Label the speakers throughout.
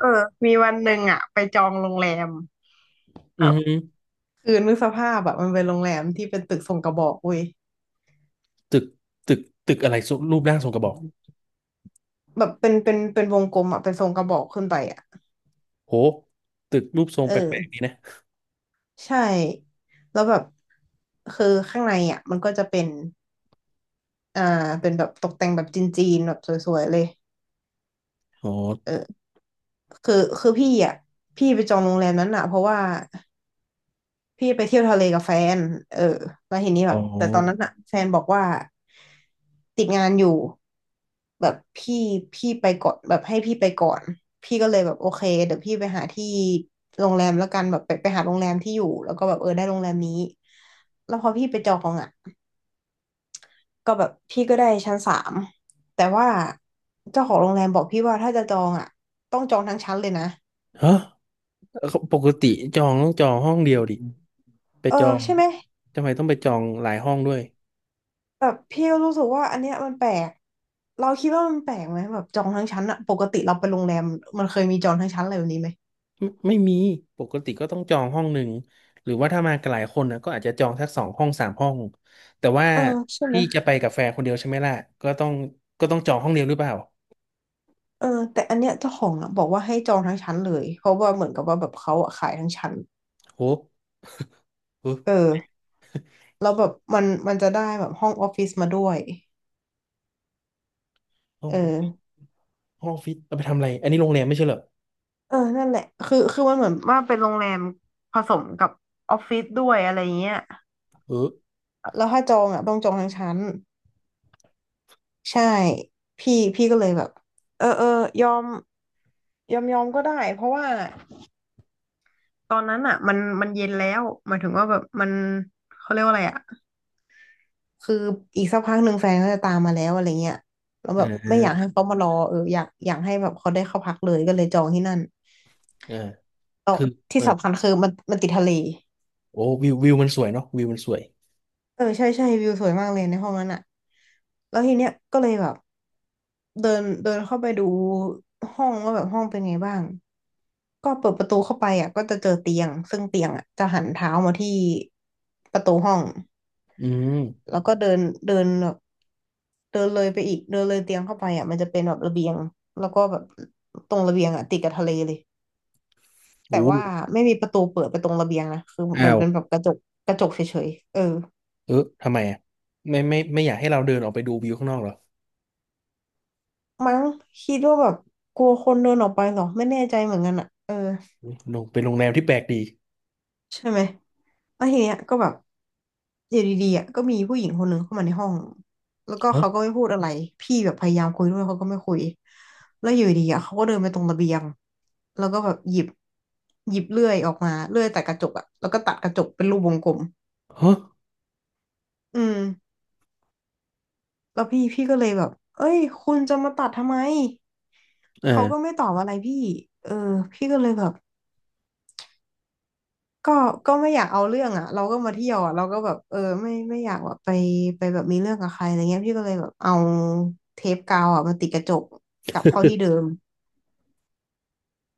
Speaker 1: เออมีวันหนึ่งอ่ะไปจองโรงแรม
Speaker 2: อื
Speaker 1: แบ
Speaker 2: อ
Speaker 1: บ
Speaker 2: หือ
Speaker 1: คือนึกสภาพแบบมันเป็นโรงแรมที่เป็นตึกทรงกระบอกเว้ย
Speaker 2: ตึกตึกตึกอะไรทรงรูปร่างทรงกระบอก
Speaker 1: แบบเป็นวงกลมอ่ะเป็นทรงกระบอกขึ้นไปอ่ะ
Speaker 2: โหตึกรูปทรง
Speaker 1: เอ
Speaker 2: แปลกๆดี
Speaker 1: อ
Speaker 2: นะ
Speaker 1: ใช่แล้วแบบคือข้างในอ่ะมันก็จะเป็นอ่าเป็นแบบตกแต่งแบบจีนๆแบบสวยๆเลย
Speaker 2: อ๋อ
Speaker 1: เออคือพี่อ่ะพี่ไปจองโรงแรมนั้นอ่ะเพราะว่า พี่ไปเที่ยวทะเลกับแฟนเออแล้วทีนี้แบ
Speaker 2: อ๋อ
Speaker 1: บแต่ตอนนั้นอะแฟนบอกว่าติดงานอยู่แบบพี่ไปก่อนแบบให้พี่ไปก่อนพี่ก็เลยแบบโอเคเดี๋ยวพี่ไปหาที่โรงแรมแล้วกันแบบไปหาโรงแรมที่อยู่แล้วก็แบบเออได้โรงแรมนี้แล้วพอพี่ไปจองอ่ะก็แบบพี่ก็ได้ชั้นสามแต่ว่าเจ้าของโรงแรมบอกพี่ว่าถ้าจะจองอ่ะต้องจองทั้งชั้นเลยนะ
Speaker 2: ฮะปกติจองต้องจองห้องเดียวดิไป
Speaker 1: เอ
Speaker 2: จอ
Speaker 1: อ
Speaker 2: ง
Speaker 1: ใช่ไหม
Speaker 2: ทำไมต้องไปจองหลายห้องด้วย
Speaker 1: แบบพี่ก็รู้สึกว่าอันเนี้ยมันแปลกเราคิดว่ามันแปลกไหมแบบจองทั้งชั้นอะปกติเราไปโรงแรมมันเคยมีจองทั้งชั้นอะไรแบบนี้ไหม
Speaker 2: ไม่มีปกติก็ต้องจองห้องหนึ่งหรือว่าถ้ามากันหลายคนนะก็อาจจะจองสักสองห้องสามห้องแต่ว่า
Speaker 1: เออใช่ไหม
Speaker 2: พี่จะไปกับแฟนคนเดียวใช่ไหมล่ะก็ต้องก็ต้องจองห้องเดียวหรือเปล่า
Speaker 1: เออแต่อันเนี้ยเจ้าของอะบอกว่าให้จองทั้งชั้นเลยเพราะว่าเหมือนกับว่าแบบเขาอะขายทั้งชั้น
Speaker 2: โหเออ
Speaker 1: เออแล้วแบบมันจะได้แบบห้องออฟฟิศมาด้วย
Speaker 2: ห้อง
Speaker 1: เอ
Speaker 2: ห้อง
Speaker 1: อ
Speaker 2: ออฟฟิศเอาไปทำอะไรอันนี้โรงแรมไม่ใช่เหรอ
Speaker 1: เออนั่นแหละคือมันเหมือนว่าเป็นโรงแรมผสมกับออฟฟิศด้วยอะไรเงี้ย
Speaker 2: เออ
Speaker 1: แล้วถ้าจองอ่ะต้องจองทั้งชั้น ใช่พี่ก็เลยแบบเออเออยอมยอมก็ได้เพราะว่าตอนนั้นอ่ะมันเย็นแล้วหมายถึงว่าแบบมันเขาเรียกว่าอะไรอ่ะคืออีกสักพักหนึ่งแฟนก็จะตามมาแล้วอะไรเงี้ยแล้ว
Speaker 2: อ่
Speaker 1: แบบไม่อยาก
Speaker 2: า
Speaker 1: ให้เขามารอเอออยากให้แบบเขาได้เข้าพักเลยก็เลยจองที่นั่น
Speaker 2: อ่า
Speaker 1: แล้ว
Speaker 2: คือ
Speaker 1: ที่
Speaker 2: เออ
Speaker 1: สำคัญคือมันติดทะเล
Speaker 2: โอ้วิววิวมันสวยเนาะวิวมันสวย
Speaker 1: เออใช่ใช่วิวสวยมากเลยในห้องนั้นอ่ะแล้วทีเนี้ยก็เลยแบบเดินเดินเข้าไปดูห้องว่าแบบห้องเป็นไงบ้าง ก็เปิดประตูเข้าไปอ่ะก็จะเจอเตียงซึ่งเตียงอ่ะจะหันเท้ามาที่ประตูห้อง
Speaker 2: อืม
Speaker 1: แล้วก็เดินเดินแบบเดินเลยไปอีกเดินเลยเตียงเข้าไปอ่ะมันจะเป็นแบบระเบียงแล้วก็แบบตรงระเบียงอ่ะติดกับทะเลเลย
Speaker 2: โอ้
Speaker 1: แต่ว่าไม่มีประตูเปิดไปตรงระเบียงนะคือเหมื
Speaker 2: อ้า
Speaker 1: อน
Speaker 2: ว
Speaker 1: เป็นแบบกระจกกระจกเฉยๆเออ
Speaker 2: เออทำไมอ่ะไม่อยากให้เราเดินออกไปดูวิวข้างนอกเหรอ
Speaker 1: มั้งคิดว่าแบบกลัวคนเดินออกไปเหรอไม่แน่ใจเหมือนกันอ่ะเออ
Speaker 2: อุ๊ยโรงเป็นโรงแรมที่แปลกดี
Speaker 1: ใช่ไหมแล้วทีเนี้ยก็แบบอยู่ดีๆอ่ะก็มีผู้หญิงคนหนึ่งเข้ามาในห้องแล้วก็
Speaker 2: ฮะ
Speaker 1: เขาก็ไม่พูดอะไรพี่แบบพยายามคุยด้วยเขาก็ไม่คุยแล้วอยู่ดีๆอ่ะเขาก็เดินไปตรงระเบียงแล้วก็แบบหยิบเลื่อยออกมาเลื่อยตัดกระจกอ่ะแล้วก็ตัดกระจกเป็นรูปวงกลม
Speaker 2: ฮะ
Speaker 1: อืมแล้วพี่ก็เลยแบบเอ้ยคุณจะมาตัดทำไมเขาก็
Speaker 2: อ่า
Speaker 1: ไม่ตอบอะไรพี่เออพี่ก็เลยแบบ ก็ไม่อยากเอาเรื่องอ่ะเราก็มาเที่ยวอะเราก็แบบเออไม่อยากแบบไปแบบมีเรื่องกับใครอะไรเงี้ยพี่ก็เลยแบบเอาเทปกาวอ่ะมาติดกระจกกลับเข้าที่เดิม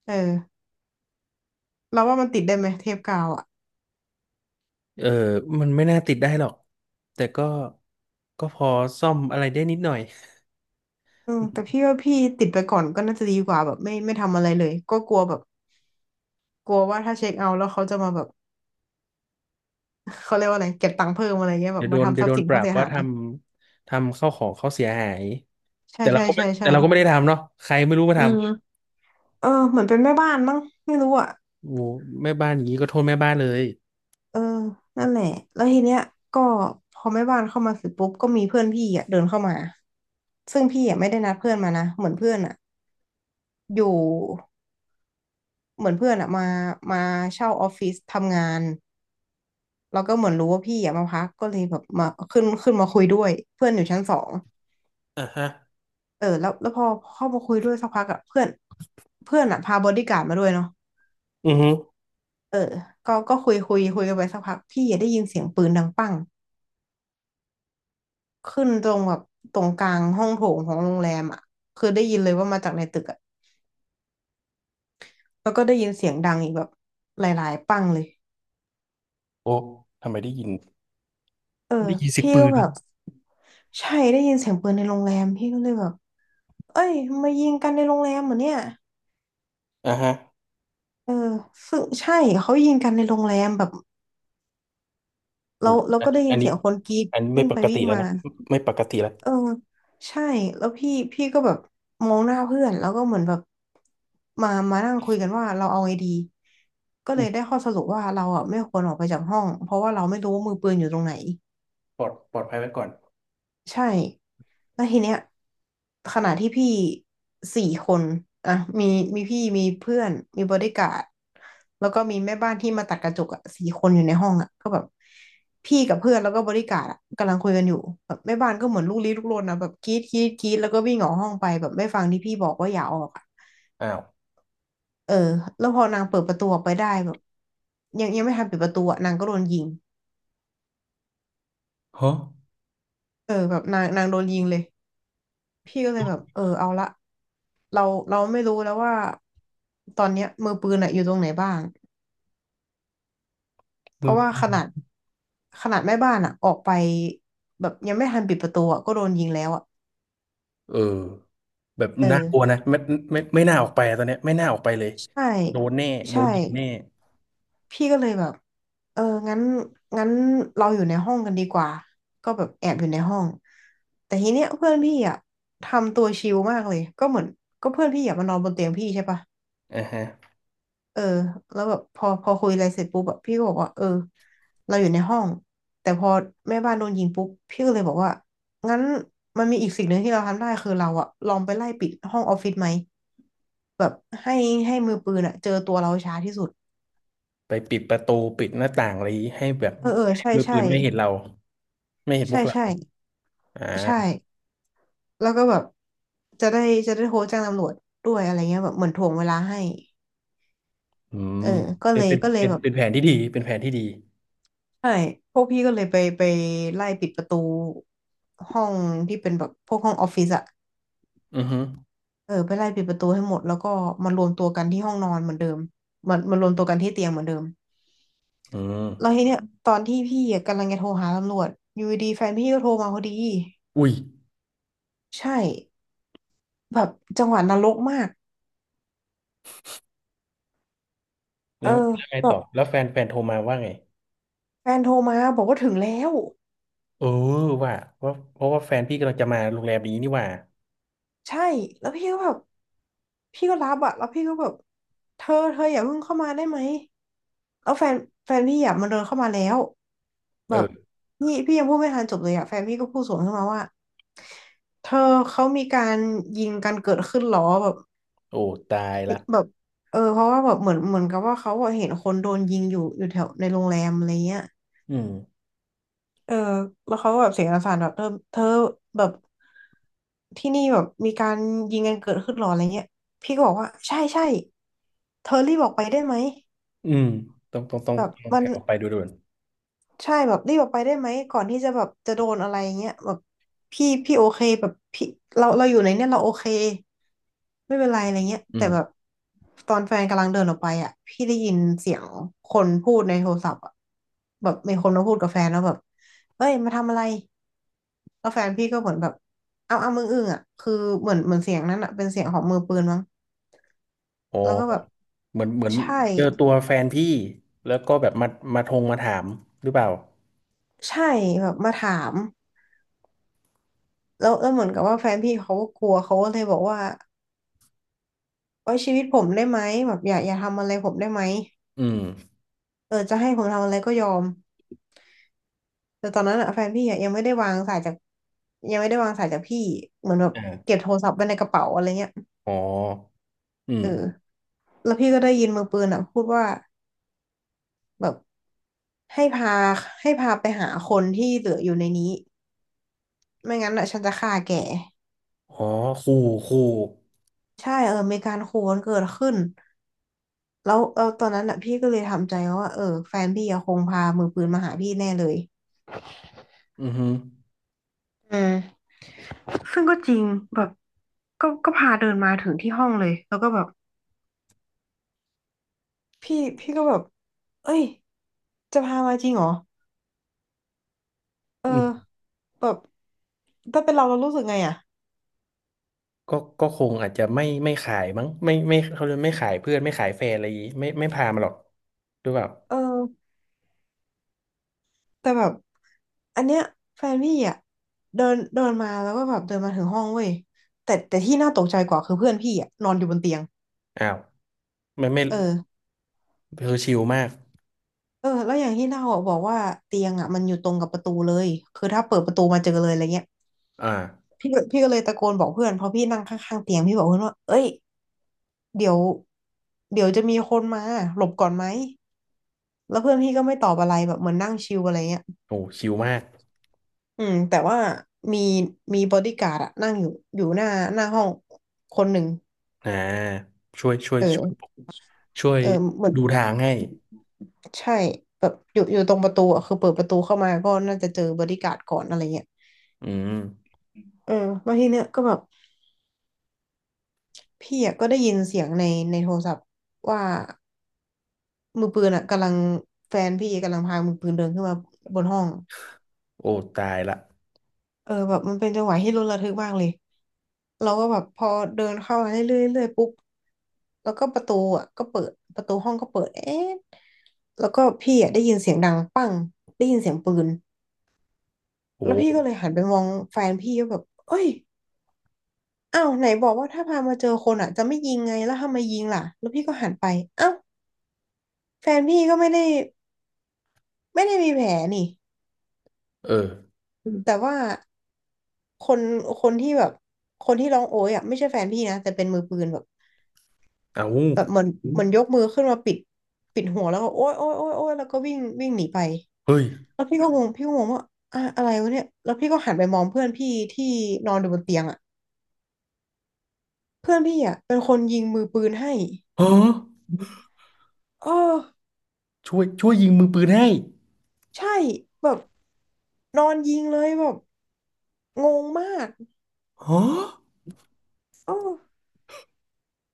Speaker 1: เออเราว่ามันติดได้ไหมเทปกาวอ่ะ
Speaker 2: เออมันไม่น่าติดได้หรอกแต่ก็ก็พอซ่อมอะไรได้นิดหน่อย
Speaker 1: อืมแต่พี่ว่าพี่ติดไปก่อนก็น่าจะดีกว่าแบบไม่ทำอะไรเลยก็กลัวแบบกลัวว่าถ้าเช็คเอาท์แล้วเขาจะมาแบบ เขาเรียกว่าอะไรเก็บตังค์เพิ่มอะไรเงี้ยแบ
Speaker 2: เดี๋
Speaker 1: บ
Speaker 2: ยวโด
Speaker 1: มา
Speaker 2: น
Speaker 1: ทำ
Speaker 2: เดี๋
Speaker 1: ท
Speaker 2: ยว
Speaker 1: รัพ
Speaker 2: โด
Speaker 1: ย์
Speaker 2: น
Speaker 1: สิน
Speaker 2: ปรั
Speaker 1: เขา
Speaker 2: บ
Speaker 1: เสีย
Speaker 2: ว่า
Speaker 1: หา
Speaker 2: ท
Speaker 1: ย
Speaker 2: ำทำเข้าวของเขาเสียหาย
Speaker 1: ใช่
Speaker 2: แต่เรา
Speaker 1: ใช่
Speaker 2: ก็ไม่
Speaker 1: ใช่
Speaker 2: แต่
Speaker 1: ใช่
Speaker 2: เราก็ไม่ได้ทำเนาะใครไม่รู้มา
Speaker 1: อื
Speaker 2: ท
Speaker 1: มเออเหมือนเป็นแม่บ้านมั้งไม่รู้อ่ะ
Speaker 2: ำโอ้แม่บ้านอย่างนี้ก็โทษแม่บ้านเลย
Speaker 1: เออนั่นแหละ แล้วทีเนี้ยก็พอแม่บ้านเข้ามาเสร็จปุ๊บก็มีเพื่อนพี่อ่ะเดินเข้ามา ซึ่งพี่อ่ะไม่ได้นัดเพื่อนมานะเหมือนเพื่อนอ่ะอยู่เหมือนเพื่อนอ่ะมามาเช่าออฟฟิศทำงานแล้วก็เหมือนรู้ว่าพี่อ่ะมาพักก็เลยแบบมาขึ้นมาคุยด้วยเพื่อนอยู่ชั้นสอง
Speaker 2: อ่าฮะ
Speaker 1: เออแล้วพอเข้ามาคุยด้วยสักพักอ่ะเพื่อนเพื่อนอ่ะพาบอดี้การ์ดมาด้วยเนาะ
Speaker 2: อือฮึ
Speaker 1: เออก็คุยกันไปสักพักพี่อ่ะได้ยินเสียงปืนดังปั้ง ขึ้นตรงแบบตรงกลางห้องโถงของโรงแรมอ่ะคือได้ยินเลยว่ามาจากในตึกอ่ะแล้วก็ได้ยินเสียงดังอีกแบบหลายๆปังเลย
Speaker 2: โอ้ทำไมได้ยิน
Speaker 1: เออ
Speaker 2: ได้ยินเสียง
Speaker 1: พี่
Speaker 2: ปื
Speaker 1: ก็
Speaker 2: น
Speaker 1: แบบใช่ได้ยินเสียงปืนในโรงแรมพี่ก็เลยแบบเอ้ยมายิงกันในโรงแรมเหรอเนี่ย
Speaker 2: อ่าฮะ
Speaker 1: เออซึ่งใช่เขายิงกันในโรงแรมแบบ
Speaker 2: อ
Speaker 1: เรา
Speaker 2: ย
Speaker 1: เรา
Speaker 2: อั
Speaker 1: ก็
Speaker 2: น
Speaker 1: ได้
Speaker 2: นี้
Speaker 1: ยิ
Speaker 2: อั
Speaker 1: น
Speaker 2: นนี้
Speaker 1: เสียงคนกรีด
Speaker 2: อันนี้ไม่
Speaker 1: วิ่ง
Speaker 2: ป
Speaker 1: ไป
Speaker 2: ก
Speaker 1: วิ่
Speaker 2: ติ
Speaker 1: ง
Speaker 2: แล้ว
Speaker 1: มา
Speaker 2: นะ ไม่ปกติแล้ว
Speaker 1: เออใช่แล้วพี่ก็แบบมองหน้าเพื่อนแล้วก็เหมือนแบบมานั่งคุยกันว่าเราเอาไงดีก็เล
Speaker 2: อุ๊ย
Speaker 1: ยได้ข้อสรุปว่าเราอ่ะไม่ควรออกไปจากห้องเพราะว่าเราไม่รู้ว่ามือปืนอยู่ตรงไหน
Speaker 2: ปลอดปลอดภัยไว้ก่อน
Speaker 1: ใช่แล้วทีเนี้ยขณะที่พี่สี่คนอ่ะมีมีพี่มีเพื่อนมีบอดี้การ์ดแล้วก็มีแม่บ้านที่มาตัดกระจกอ่ะสี่คนอยู่ในห้องอ่ะก็แบบพี่กับเพื่อนแล้วก็บอดี้การ์ดอ่ะกำลังคุยกันอยู่แบบแม่บ้านก็เหมือนลูกลี้ลุกลนนะแบบกรี๊ดกรี๊ดกรี๊ดแล้วก็วิ่งออกห้องไปแบบไม่ฟังที่พี่บอกว่าอย่าออกอ่ะ
Speaker 2: อ้าว
Speaker 1: เออแล้วพอนางเปิดประตูออกไปได้แบบยังไม่ทันปิดประตูอ่ะนางก็โดนยิง
Speaker 2: ฮะ
Speaker 1: เออแบบนางนางโดนยิงเลย พี่ก็เล
Speaker 2: โด
Speaker 1: ยแบบ
Speaker 2: น
Speaker 1: เออเอาละเราเราไม่รู้แล้วว่าตอนเนี้ยมือปืนอะอยู่ตรงไหนบ้างเพ
Speaker 2: มือ
Speaker 1: ราะว่า
Speaker 2: ปื
Speaker 1: ข
Speaker 2: น
Speaker 1: นาดขนาดแม่บ้านอะออกไปแบบยังไม่ทันปิดประตูอะก็โดนยิงแล้วอะ
Speaker 2: เออแบบ
Speaker 1: เอ
Speaker 2: น่ากลัวนะ
Speaker 1: อ
Speaker 2: ไม่ ไม่ ไม่น่าออกไปอะตอนเนี้ยไม่น่าออกไปเลย
Speaker 1: ใช่
Speaker 2: โดนแน่ โด
Speaker 1: ใช่
Speaker 2: นยิงแน่
Speaker 1: พี่ก็เลยแบบเอองั้นงั้นเราอยู่ในห้องกันดีกว่าก็แบบแอบอยู่ในห้องแต่ทีเนี้ยเพื่อนพี่อ่ะทำตัวชิลมากเลยก็เหมือนก็เพื่อนพี่อ่ะมานอนบนเตียงพี่ใช่ปะ
Speaker 2: อ่าฮะ
Speaker 1: เออแล้วแบบพอคุยอะไรเสร็จปุ๊บแบบพี่ก็บอกว่าเออเราอยู่ในห้องแต่พอแม่บ้านโดนยิงปุ๊บพี่ก็เลยบอกว่างั้นมันมีอีกสิ่งหนึ่งที่เราทำได้คือเราอะลองไปไล่ปิดห้องออฟฟิศไหมแบบให้ให้มือปืนอะเจอตัวเราช้าที่สุด
Speaker 2: ไปปิดประตูปิดหน้าต่างอะไรให้แบบ
Speaker 1: เออเออ
Speaker 2: ให้
Speaker 1: ใช่
Speaker 2: มือปื
Speaker 1: ใช่
Speaker 2: นไม่เห็นเราไม่เห็นพ
Speaker 1: ใช่
Speaker 2: วกเรา
Speaker 1: ใช่
Speaker 2: อ่
Speaker 1: ใช่
Speaker 2: า
Speaker 1: แล้วก็แบบจะได้จะได้โทรแจ้งตำรวจด้วยอะไรเงี้ยแบบเหมือนถ่วงเวลาให้
Speaker 2: อื
Speaker 1: เอ
Speaker 2: ม
Speaker 1: อก็
Speaker 2: เป็
Speaker 1: เล
Speaker 2: น
Speaker 1: ย
Speaker 2: เป็น
Speaker 1: ก็เลย
Speaker 2: เป็น
Speaker 1: แบบ
Speaker 2: เป็นแผนที่ดีเป็นแผนที่ดี
Speaker 1: ใช่ พวกพี่ก็เลยไปไล่ปิดประตูห้องที่เป็นแบบพวกห้องออฟฟิศอะ
Speaker 2: อือฮึ
Speaker 1: เออไปไล่ปิดประตูให้หมดแล้วก็มารวมตัวกันที่ห้องนอนเหมือนเดิมมันรวมตัวกันที่เตียงเหมือนเดิม
Speaker 2: อืม
Speaker 1: แล้วทีเนี้ยตอนที่พี่อะกำลังจะโทรหาตำรวจอยู่ดีๆแฟนพี่ก็โทรมาพอดี
Speaker 2: อุ้ย
Speaker 1: ใช่แบบจังหวะนรกมากเอ
Speaker 2: แล้
Speaker 1: อ
Speaker 2: วแล้วไง
Speaker 1: แบ
Speaker 2: ต่
Speaker 1: บ
Speaker 2: อแล้วแฟนแฟนโทรมาว่าไง
Speaker 1: แฟนโทรมาบอกว่าถึงแล้ว
Speaker 2: เออว่าว่าเพราะว่าแฟนพี่กำลังจะมาโรงแรมนี้นี่หว่า
Speaker 1: ใช่แล้วพี่ก็แบบ พี่ก็รับอะแล้วพี่ก็แบบเธออย่าเพิ่งเข้ามาได้ไหมแล้วแฟนแฟนพี่อะมันเดินเข้ามาแล้วแบบ
Speaker 2: เออ
Speaker 1: นี่พี่ยังพูดไม่ทันจบเลยอะแฟนพี่ก็พูดสวนขึ้นมาว่าเธอเขามีการยิงกันเกิดขึ้นเหรอแบบ
Speaker 2: โอ้ตายละ
Speaker 1: แบบเออเพราะว่าแบบเหมือนเหมือนกับว่าเขาอะเห็นคนโดนยิงอยู่อยู่แถวในโรงแรมอะไรเงี้ย
Speaker 2: อืม
Speaker 1: เออแล้วเขาก็แบบเสียงสั่นๆแบบเธอแบบที่นี่แบบมีการยิงกันเกิดขึ้นหรออะไรเงี้ยพี่ก็บอกว่าใช่ใช่เธอรีบออกไปได้ไหม
Speaker 2: อืมต้องต้องต้อง
Speaker 1: แบบ
Speaker 2: ต้อง
Speaker 1: มัน
Speaker 2: แผ่ออกไปดูด่วน
Speaker 1: ใช่แบบรีบออกไปได้ไหมก่อนที่จะแบบจะโดนอะไรเงี้ยแบบพี่โอเคแบบพี่เราอยู่ในเนี่ยเราโอเคไม่เป็นไรอะไรเงี้ย
Speaker 2: อื
Speaker 1: แต่
Speaker 2: ม
Speaker 1: แบบตอนแฟนกำลังเดินออกไปอ่ะพี่ได้ยินเสียงคนพูดในโทรศัพท์อ่ะแบบมีคนมาพูดกับแฟนแล้วแบบเอ้ยมาทำอะไร แล้วแฟนพี่ก็เหมือนแบบเอามึงอึ้งอ่ะคือเหมือนเหมือนเสียงนั้นอ่ะเป็นเสียงของมือปืนมั้ง
Speaker 2: อ๋อ
Speaker 1: แล้วก็แบบ
Speaker 2: เหมือนเหมือน
Speaker 1: ใช่
Speaker 2: เจอตัวแฟนพี่แล้วก็แบบมามาทงมาถามหรือเปล่า
Speaker 1: ใช่แบบมาถามแล้วแล้วเหมือนกับว่าแฟนพี่เขาก็กลัวเขาก็เลยบอกว่าไว้ชีวิตผมได้ไหมแบบอย่าทำอะไรผมได้ไหม
Speaker 2: อืม
Speaker 1: เออจะให้ผมทำอะไรก็ยอมแต่ตอนนั้นอ่ะแฟนพี่อะยังไม่ได้วางสายจากยังไม่ได้วางสายจากพี่เหมือนแบบเก็
Speaker 2: อ่า
Speaker 1: บโทรศัพท์ไว้ในกระเป๋าอะไรเงี้ย
Speaker 2: อ๋ออื
Speaker 1: เอ
Speaker 2: ม
Speaker 1: อแล้วพี่ก็ได้ยินมือปืนอ่ะพูดว่าแบบ ให้พาให้พาไปหาคนที่เหลืออยู่ในนี้ไม่งั้นอ่ะฉันจะฆ่าแก
Speaker 2: อ๋อคู่คู่
Speaker 1: ใช่เออมีการขู่กันเกิดขึ้นแล้วเออตอนนั้นอ่ะพี่ก็เลยทำใจว่าเออแฟนพี่อะคงพามือปืนมาหาพี่แน่เลย
Speaker 2: อือฮึ
Speaker 1: อืมซึ่งก็จริงแบบก็พาเดินมาถึงที่ห้องเลยแล้วก็แบบพี่ก็แบบเอ้ยจะพามาจริงเหรอเออ
Speaker 2: อืม
Speaker 1: แบบถ้าเป็นเรารู้สึกไงอ่ะ
Speaker 2: ก็ก็คงอาจจะไม่ขายมั้งไม่ไม่เขาเรียกไม่ขายเพื่อนไม่ขายแฟนอะไรอย่างงี้ไม่พามาหรอกหรือเปล่า
Speaker 1: เออ แต่แบบอันเนี้ยแฟนพี่อ่ะเดินเดินมาแล้วก็แบบเดินมาถึงห้องเว้ยแต่ที่น่าตกใจกว่าคือเพื่อนพี่อ่ะนอนอยู่บนเตียง
Speaker 2: อ้าวไม่ไม่
Speaker 1: เออ
Speaker 2: คือชิลมาก
Speaker 1: เออแล้วอย่างที่เล่าอะบอกว่าเตียงอ่ะมันอยู่ตรงกับประตูเลยคือถ้าเปิดประตูมาเจอเลยอะไรเงี้ย
Speaker 2: อ่า
Speaker 1: พี่ก็เลยตะโกนบอกเพื่อนเพราะพี่นั่งข้างๆเตียงพี่บอกเพื่อนว่าเอ้ยเดี๋ยวเดี๋ยวจะมีคนมาหลบก่อนไหมแล้วเพื่อนพี่ก็ไม่ตอบอะไรแบบเหมือนนั่งชิลอะไรเงี้ย
Speaker 2: โอ้ชิลมาก
Speaker 1: อืมแต่ว่ามีมีบอดี้การ์ดอะนั่งอยู่อยู่หน้าหน้าห้องคนหนึ่ง
Speaker 2: อ่าช่วยช่วยช่วย
Speaker 1: เออ
Speaker 2: ช่วย
Speaker 1: เออเหมือน
Speaker 2: ดู
Speaker 1: อืม
Speaker 2: ทางให้
Speaker 1: ใช่แบบอยู่ตรงประตูอ่ะคือเปิดประตูเข้ามาก็น่าจะเจอบอดี้การ์ดก่อนอะไรเงี้ย
Speaker 2: อืม
Speaker 1: เออแล้วทีเนี้ยก็แบบพี่อ่ะก็ได้ยินเสียงในโทรศัพท์ว่ามือปืนอ่ะกำลังแฟนพี่กำลังพามือปืนเดินขึ้นมาบนห้อง
Speaker 2: โอ้ตายละ
Speaker 1: เออแบบมันเป็นจังหวะที่ลุ้นระทึกมากเลยเราก็แบบพอเดินเข้ามาเรื่อยๆเรื่อยๆปุ๊บแล้วก็ประตูอ่ะก็เปิดประตูห้องก็เปิดเอ๊ะแล้วก็พี่อ่ะได้ยินเสียงดังปังได้ยินเสียงปืน
Speaker 2: โอ้
Speaker 1: แล้วพี่ก็เลยหันไปมองแฟนพี่ก็แบบเอ้ยอ้าวไหนบอกว่าถ้าพามาเจอคนอ่ะจะไม่ยิงไงแล้วทำไมยิงล่ะแล้วพี่ก็หันไปอ้าวแฟนพี่ก็ไม่ได้มีแผลนี่
Speaker 2: เออ
Speaker 1: อืมแต่ว่าคนคนที่แบบคนที่ร้องโอ๊ยอ่ะไม่ใช่แฟนพี่นะแต่เป็นมือปืนแบบ
Speaker 2: เอา
Speaker 1: แบบเหมือนเหมือนยกมือขึ้นมาปิดปิดหัวแล้วก็โอ๊ยโอ๊ยโอ๊ยโอ๊ยแล้วก็วิ่งวิ่งหนีไป
Speaker 2: เฮ้ย
Speaker 1: แล้วพี่ก็งงว่าอะไรวะเนี่ยแล้วพี่ก็หันไปมองเพื่อนพี่ที่นอนอยู่บนเตียงอ่ะเพื่อนพี่อ่ะเป็นคนยิงมือปืนให้
Speaker 2: ฮะ
Speaker 1: เออ
Speaker 2: ช่วยช่วยยิงมือปืนให้
Speaker 1: ใช่แบบนอนยิงเลยแบบงงมาก
Speaker 2: ฮะ
Speaker 1: เออ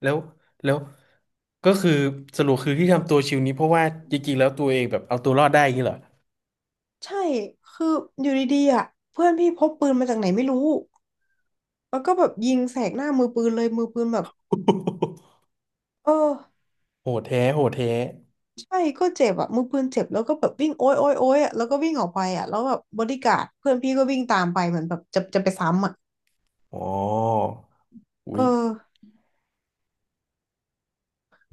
Speaker 2: แล้วแล้วก็คือสรุปคือที่ทำตัวชิลนี้เพราะว่าจริงๆแล้วตัวเองแบบเอาตัวรอดได้อย่างนี้เหรอ
Speaker 1: ใช่คืออยู่ดีๆอ่ะเพื่อนพี่พกปืนมาจากไหนไม่รู้แล้วก็แบบยิงแสกหน้ามือปืนเลยมือปืนแบบเออ
Speaker 2: โหดแท้โหดแท้
Speaker 1: ใช่ก็เจ็บอ่ะมือปืนเจ็บแล้วก็แบบวิ่งโอ๊ยโอ๊ยโอ๊ยอ่ะแล้วก็วิ่งออกไปอ่ะแล้วแบบบอดี้การ์ดเพื่อนพี่ก็วิ่งตามไปเหมือนแบบจะไปซ้ำอ่ะ
Speaker 2: อ๋ออุ้
Speaker 1: เอ
Speaker 2: ย
Speaker 1: อ